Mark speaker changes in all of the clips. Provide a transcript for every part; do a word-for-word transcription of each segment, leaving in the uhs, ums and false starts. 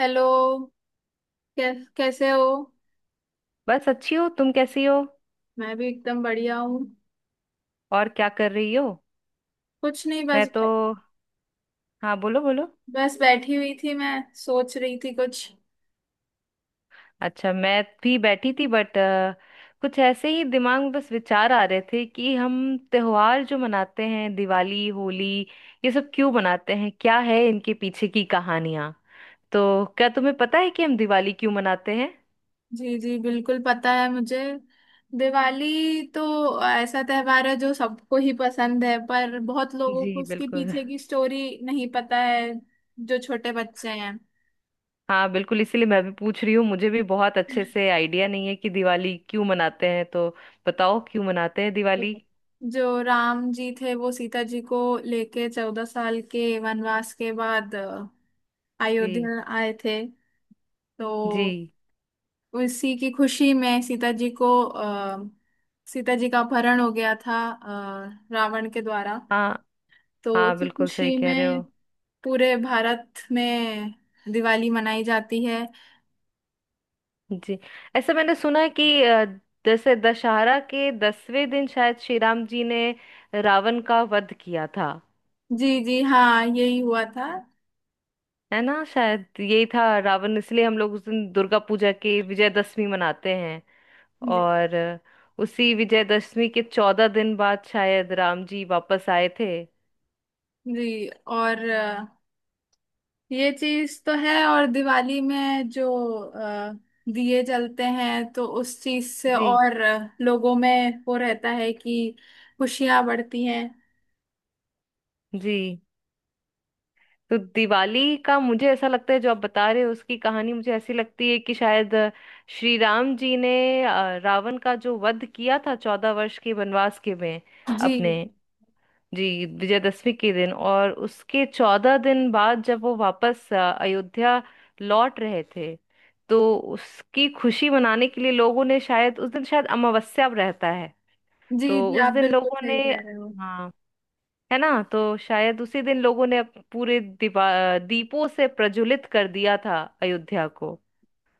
Speaker 1: Hello. कै, कैसे हो?
Speaker 2: बस अच्छी हो। तुम कैसी हो।
Speaker 1: मैं भी एकदम बढ़िया हूँ।
Speaker 2: और क्या कर रही हो।
Speaker 1: कुछ नहीं
Speaker 2: मैं
Speaker 1: बस।
Speaker 2: तो। हाँ, बोलो बोलो।
Speaker 1: बस बैठी हुई थी, मैं सोच रही थी कुछ।
Speaker 2: अच्छा, मैं भी बैठी थी बट कुछ ऐसे ही दिमाग में बस विचार आ रहे थे कि हम त्योहार जो मनाते हैं, दिवाली, होली, ये सब क्यों मनाते हैं, क्या है इनके पीछे की कहानियां। तो क्या तुम्हें पता है कि हम दिवाली क्यों मनाते हैं।
Speaker 1: जी जी बिल्कुल पता है मुझे। दिवाली तो ऐसा त्योहार है जो सबको ही पसंद है, पर बहुत लोगों
Speaker 2: जी
Speaker 1: को उसके
Speaker 2: बिल्कुल।
Speaker 1: पीछे की स्टोरी नहीं पता है। जो छोटे बच्चे हैं।
Speaker 2: हाँ बिल्कुल, इसीलिए मैं भी पूछ रही हूँ। मुझे भी बहुत अच्छे से आइडिया नहीं है कि दिवाली क्यों मनाते हैं। तो बताओ, क्यों मनाते हैं दिवाली।
Speaker 1: जो राम जी थे वो सीता जी को लेके चौदह साल के वनवास के बाद
Speaker 2: जी।
Speaker 1: अयोध्या आए थे।
Speaker 2: जी।
Speaker 1: तो उसी की खुशी में सीता जी को आ, सीता जी का अपहरण हो गया था अ, रावण के द्वारा।
Speaker 2: हाँ
Speaker 1: तो
Speaker 2: हाँ,
Speaker 1: उसी
Speaker 2: बिल्कुल सही
Speaker 1: खुशी
Speaker 2: कह रहे
Speaker 1: में
Speaker 2: हो।
Speaker 1: पूरे भारत में दिवाली मनाई जाती है।
Speaker 2: जी। ऐसा मैंने सुना है कि अ, जैसे दशहरा के दसवें दिन शायद श्री राम जी ने रावण का वध किया था।
Speaker 1: जी जी हाँ यही हुआ था।
Speaker 2: है ना, शायद यही था रावण, इसलिए हम लोग उस दिन दुर्गा पूजा की विजयदशमी मनाते हैं।
Speaker 1: जी,
Speaker 2: और अ, उसी विजयदशमी के चौदह दिन बाद शायद राम जी वापस आए थे।
Speaker 1: जी। और अ, ये चीज तो है। और दिवाली में जो अ, दिए जलते हैं तो उस चीज से
Speaker 2: जी।
Speaker 1: और अ, लोगों में वो रहता है कि खुशियां बढ़ती हैं।
Speaker 2: जी। तो दिवाली का मुझे ऐसा लगता है, जो आप बता रहे हो उसकी कहानी मुझे ऐसी लगती है कि शायद अ, श्री राम जी ने अ, रावण का जो वध किया था चौदह वर्ष के वनवास के में
Speaker 1: जी।
Speaker 2: अपने, जी, विजयदशमी के दिन, और उसके चौदह दिन बाद जब वो वापस अ, अयोध्या लौट रहे थे, तो उसकी खुशी मनाने के लिए लोगों ने, शायद उस दिन शायद अमावस्या रहता है,
Speaker 1: जी
Speaker 2: तो
Speaker 1: जी
Speaker 2: उस
Speaker 1: आप
Speaker 2: दिन
Speaker 1: बिल्कुल
Speaker 2: लोगों
Speaker 1: सही
Speaker 2: ने,
Speaker 1: कह रहे हो।
Speaker 2: हाँ, है ना, तो शायद उसी दिन लोगों ने अप- पूरे दीपा दीपों से प्रज्वलित कर दिया था अयोध्या को।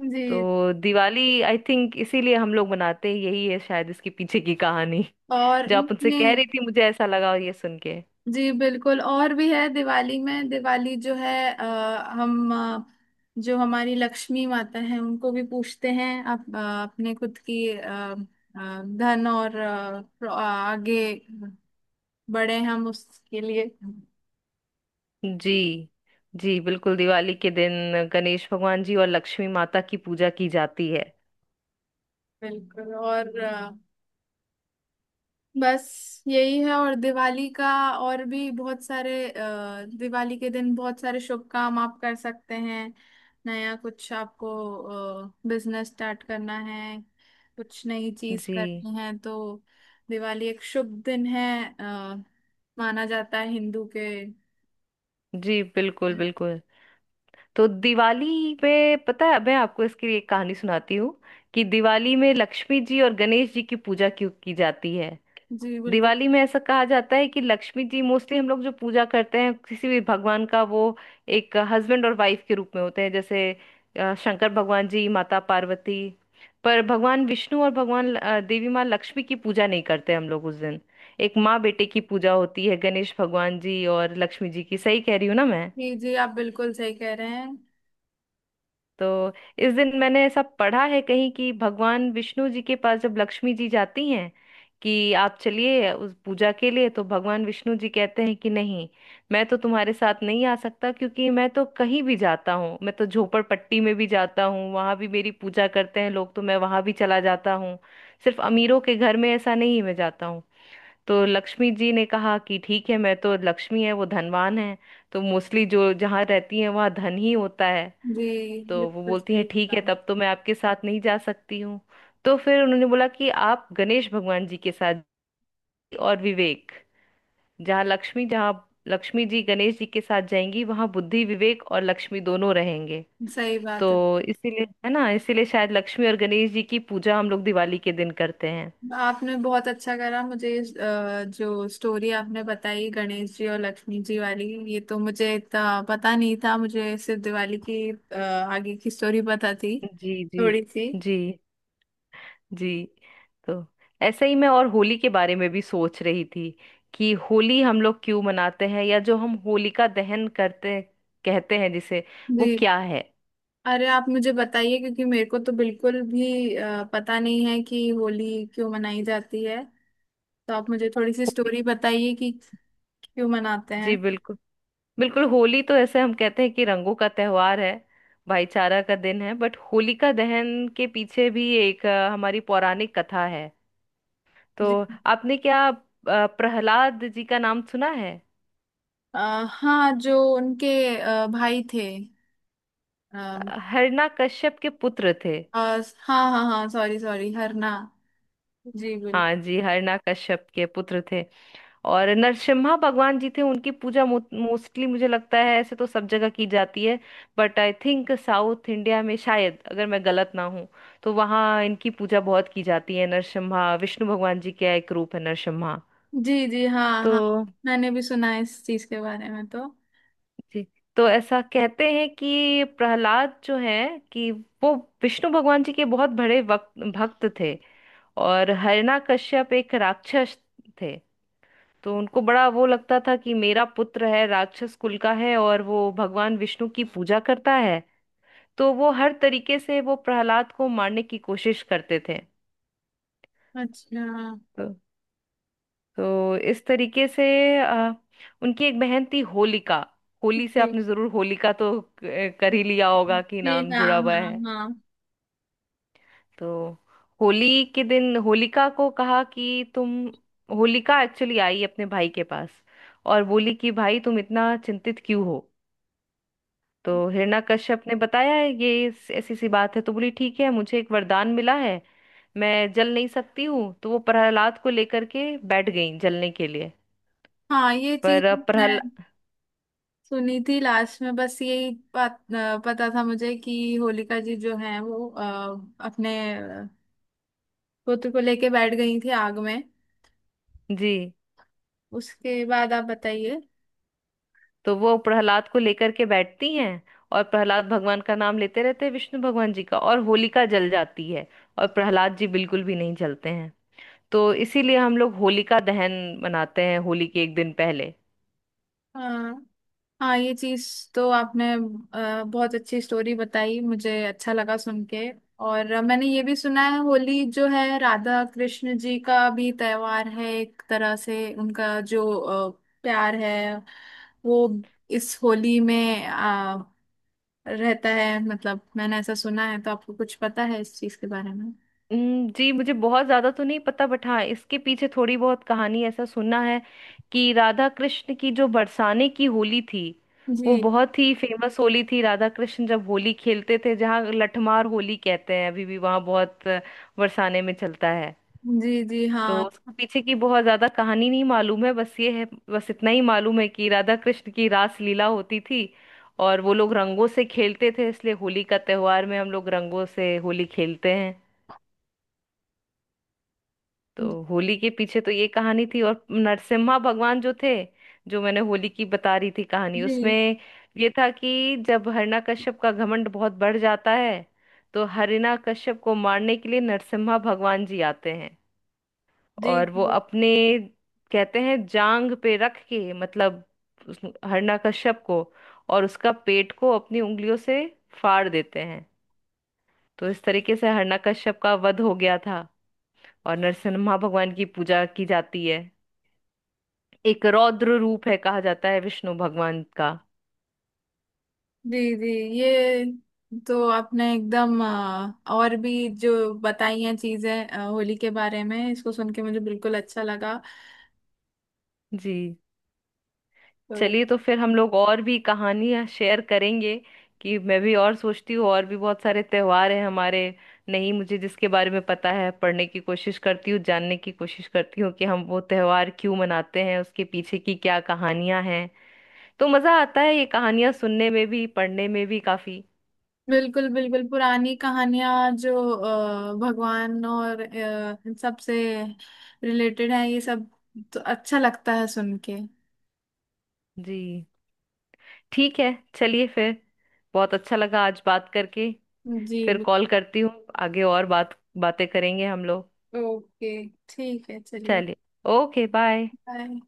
Speaker 1: जी
Speaker 2: तो दिवाली आई थिंक इसीलिए हम लोग मनाते हैं, यही है शायद इसके पीछे की कहानी।
Speaker 1: और
Speaker 2: जो आप उनसे कह
Speaker 1: नहीं।
Speaker 2: रही थी, मुझे ऐसा लगा ये सुन के।
Speaker 1: जी बिल्कुल और भी है दिवाली में। दिवाली जो है अ, हम अ, जो हमारी लक्ष्मी माता है उनको भी पूछते हैं अप, अ, अपने खुद की अ, अ, धन और अ, प्र- आगे बढ़े हम उसके लिए।
Speaker 2: जी। जी बिल्कुल, दिवाली के दिन गणेश भगवान जी और लक्ष्मी माता की पूजा की जाती है।
Speaker 1: बिल्कुल। और बस यही है। और दिवाली का और भी बहुत सारे अ, दिवाली के दिन बहुत सारे शुभ काम आप कर सकते हैं। नया कुछ आपको बिजनेस स्टार्ट करना है, कुछ नई चीज
Speaker 2: जी।
Speaker 1: करनी है तो दिवाली एक शुभ दिन है अ, माना जाता है हिंदू के।
Speaker 2: जी। बिल्कुल बिल्कुल। तो दिवाली पे पता है, मैं आपको इसकी एक कहानी सुनाती हूँ, कि दिवाली में लक्ष्मी जी और गणेश जी की पूजा क्यों की जाती है।
Speaker 1: जी बिल्कुल।
Speaker 2: दिवाली में ऐसा कहा जाता है कि लक्ष्मी जी, मोस्टली हम लोग जो पूजा करते हैं किसी भी भगवान का, वो एक हस्बैंड और वाइफ के रूप में होते हैं, जैसे अ, शंकर भगवान जी, माता पार्वती। पर भगवान विष्णु और भगवान अ, देवी माँ लक्ष्मी की पूजा नहीं करते हम लोग उस दिन। एक माँ बेटे की पूजा होती है, गणेश भगवान जी और लक्ष्मी जी की। सही कह रही हूँ ना मैं।
Speaker 1: जी जी आप बिल्कुल सही कह रहे हैं।
Speaker 2: तो इस दिन मैंने ऐसा पढ़ा है कहीं कि भगवान विष्णु जी के पास जब लक्ष्मी जी जाती हैं, कि आप चलिए उस पूजा के लिए, तो भगवान विष्णु जी कहते हैं कि नहीं, मैं तो तुम्हारे साथ नहीं आ सकता, क्योंकि मैं तो कहीं भी जाता हूँ, मैं तो झोपड़पट्टी में भी जाता हूँ, वहां भी मेरी पूजा करते हैं लोग, तो मैं वहां भी चला जाता हूँ। सिर्फ अमीरों के घर में ऐसा नहीं मैं जाता हूँ। तो लक्ष्मी जी ने कहा कि ठीक है, मैं तो लक्ष्मी है, वो धनवान है, तो मोस्टली जो जहाँ रहती है वहाँ धन ही होता है।
Speaker 1: जी
Speaker 2: तो वो
Speaker 1: बिल्कुल
Speaker 2: बोलती है
Speaker 1: सही
Speaker 2: ठीक है,
Speaker 1: बात।
Speaker 2: तब तो मैं आपके साथ नहीं जा सकती हूँ। तो फिर उन्होंने बोला कि आप गणेश भगवान जी के साथ, और विवेक, जहाँ लक्ष्मी जहाँ लक्ष्मी जी गणेश जी के साथ जाएंगी वहां बुद्धि, विवेक और लक्ष्मी दोनों रहेंगे।
Speaker 1: सही बात है।
Speaker 2: तो इसीलिए है ना, इसीलिए शायद लक्ष्मी और गणेश जी की पूजा हम लोग दिवाली के दिन करते हैं।
Speaker 1: आपने बहुत अच्छा करा मुझे, इस, अ, जो स्टोरी आपने बताई गणेश जी और लक्ष्मी जी वाली, ये तो मुझे इतना पता नहीं था। मुझे सिर्फ दिवाली की अ, आगे की स्टोरी पता थी,
Speaker 2: जी जी।
Speaker 1: थोड़ी सी।
Speaker 2: जी जी। तो ऐसे ही मैं और होली के बारे में भी सोच रही थी, कि होली हम लोग क्यों मनाते हैं, या जो हम होलिका दहन करते, कहते हैं जिसे, वो
Speaker 1: जी।
Speaker 2: क्या है
Speaker 1: अरे आप मुझे बताइए, क्योंकि मेरे को तो बिल्कुल भी अ, पता नहीं है कि होली क्यों मनाई जाती है। तो आप मुझे थोड़ी सी
Speaker 2: होली।
Speaker 1: स्टोरी बताइए कि क्यों मनाते
Speaker 2: जी
Speaker 1: हैं।
Speaker 2: बिल्कुल। बिल्कुल होली तो ऐसे हम कहते हैं कि रंगों का त्योहार है, भाईचारा का दिन है, बट होलिका दहन के पीछे भी एक अ, हमारी पौराणिक कथा है। तो
Speaker 1: जी
Speaker 2: आपने क्या अ, प्रहलाद जी का नाम सुना है।
Speaker 1: अ, हाँ। जो उनके अ, भाई थे।
Speaker 2: अ,
Speaker 1: अ,
Speaker 2: हिरण्यकश्यप के पुत्र थे।
Speaker 1: अ, हाँ हाँ हाँ, सॉरी सॉरी, हरना। जी बिल्कुल।
Speaker 2: हाँ जी, हरना कश्यप के पुत्र थे। और नरसिम्हा भगवान जी थे, उनकी पूजा मोस्टली मुझे लगता है ऐसे तो सब जगह की जाती है, but I think South India में शायद, अगर मैं गलत ना हूँ, तो वहाँ इनकी पूजा बहुत की जाती है। नरसिम्हा विष्णु भगवान जी का एक रूप है, नरसिम्हा।
Speaker 1: जी जी हाँ
Speaker 2: तो
Speaker 1: हाँ। मैंने भी सुना है इस चीज के बारे में। तो
Speaker 2: जी, तो ऐसा कहते हैं कि प्रहलाद जो है, कि वो विष्णु भगवान जी के बहुत बड़े वक्त भक्त थे, और हरना कश्यप एक राक्षस थे। तो उनको बड़ा वो लगता था कि मेरा पुत्र है, राक्षस कुल का है, और वो भगवान विष्णु की पूजा करता है। तो वो हर तरीके से वो प्रहलाद को मारने की कोशिश करते थे।
Speaker 1: अच्छा,
Speaker 2: तो, तो इस तरीके से अ, उनकी एक बहन थी होलिका। होली से
Speaker 1: ठीक।
Speaker 2: आपने जरूर होलिका तो क- कर ही लिया होगा कि
Speaker 1: जी
Speaker 2: नाम
Speaker 1: हाँ
Speaker 2: जुड़ा हुआ
Speaker 1: हाँ
Speaker 2: है।
Speaker 1: हाँ
Speaker 2: तो होली के दिन होलिका को कहा कि तुम। होलिका एक्चुअली आई अपने भाई के पास और बोली कि भाई तुम इतना चिंतित क्यों हो। तो हिरण्यकश्यप ने बताया है ये इस- ऐसी सी बात है, तो बोली ठीक है, मुझे एक वरदान मिला है, मैं जल नहीं सकती हूँ, तो वो प्रहलाद को लेकर के बैठ गई जलने के लिए।
Speaker 1: हाँ। ये चीज
Speaker 2: पर प्रहल
Speaker 1: मैं सुनी थी, लास्ट में बस यही बात अ, पता था मुझे कि होलिका जी जो हैं वो अ, अपने अ, पुत्र को लेके बैठ गई थी आग में।
Speaker 2: जी,
Speaker 1: उसके बाद आप बताइए।
Speaker 2: तो वो प्रहलाद को लेकर के बैठती हैं, और प्रहलाद भगवान का नाम लेते रहते हैं विष्णु भगवान जी का, और होलिका जल जाती है, और प्रहलाद जी बिल्कुल भी नहीं जलते हैं। तो इसीलिए हम लोग होलिका दहन मनाते हैं होली के एक दिन पहले।
Speaker 1: हाँ हाँ, ये चीज तो आपने अ, बहुत अच्छी स्टोरी बताई, मुझे अच्छा लगा सुन के। और अ, मैंने ये भी सुना है होली जो है राधा कृष्ण जी का भी त्योहार है, एक तरह से उनका जो अ, प्यार है वो इस होली में अ, रहता है। मतलब मैंने ऐसा सुना है, तो आपको कुछ पता है इस चीज के बारे में?
Speaker 2: हम्म, जी। मुझे बहुत ज्यादा तो नहीं पता, बट हाँ इसके पीछे थोड़ी बहुत कहानी ऐसा सुना है, कि राधा कृष्ण की जो बरसाने की होली थी,
Speaker 1: जी
Speaker 2: वो बहुत ही फेमस होली थी। राधा कृष्ण जब होली खेलते थे, जहाँ लठमार होली कहते हैं, अभी भी वहाँ बहुत अ, बरसाने में चलता है।
Speaker 1: जी। जी हाँ।
Speaker 2: तो उसके पीछे की बहुत ज्यादा कहानी नहीं मालूम है, बस ये है। बस इतना ही मालूम है कि राधा कृष्ण की रास लीला होती थी, और वो लोग रंगों से खेलते थे, इसलिए होली का त्योहार में हम लोग रंगों से होली खेलते हैं। तो होली के पीछे तो ये कहानी थी। और नरसिम्हा भगवान जो थे, जो मैंने होली की बता रही थी कहानी
Speaker 1: जी
Speaker 2: उसमें, ये था कि जब हिरण्यकश्यप का घमंड बहुत बढ़ जाता है, तो हिरण्यकश्यप को मारने के लिए नरसिम्हा भगवान जी आते हैं।
Speaker 1: जी
Speaker 2: और वो
Speaker 1: जी
Speaker 2: अपने, कहते हैं, जांग पे रख के, मतलब उस हिरण्यकश्यप को, और उसका पेट को अपनी उंगलियों से फाड़ देते हैं। तो इस तरीके से हिरण्यकश्यप का वध हो गया था, और नरसिम्हा भगवान की पूजा की जाती है। एक रौद्र रूप है, कहा जाता है विष्णु भगवान का।
Speaker 1: जी जी। ये तो आपने एकदम अ, और भी जो बताई हैं चीजें अ, होली के बारे में, इसको सुन के मुझे बिल्कुल अच्छा लगा।
Speaker 2: जी।
Speaker 1: तो
Speaker 2: चलिए तो फिर हम लोग और भी कहानियां शेयर करेंगे, कि मैं भी और सोचती हूँ, और भी बहुत सारे त्योहार हैं हमारे। नहीं, मुझे जिसके बारे में पता है, पढ़ने की कोशिश करती हूँ, जानने की कोशिश करती हूँ, कि हम वो त्योहार क्यों मनाते हैं, उसके पीछे की क्या कहानियां हैं। तो मजा आता है ये कहानियां सुनने में भी, पढ़ने में भी काफी।
Speaker 1: बिल्कुल बिल्कुल, पुरानी कहानियां जो अ, भगवान और अ, इन सब से रिलेटेड है ये सब, तो अच्छा लगता है सुन के।
Speaker 2: जी ठीक है। चलिए फिर, बहुत अच्छा लगा आज बात करके।
Speaker 1: जी
Speaker 2: फिर
Speaker 1: बिल-
Speaker 2: कॉल करती हूँ, आगे और बात बातें करेंगे हम लोग।
Speaker 1: ओके ठीक है, चलिए।
Speaker 2: चलिए। ओके। बाय।
Speaker 1: बाय।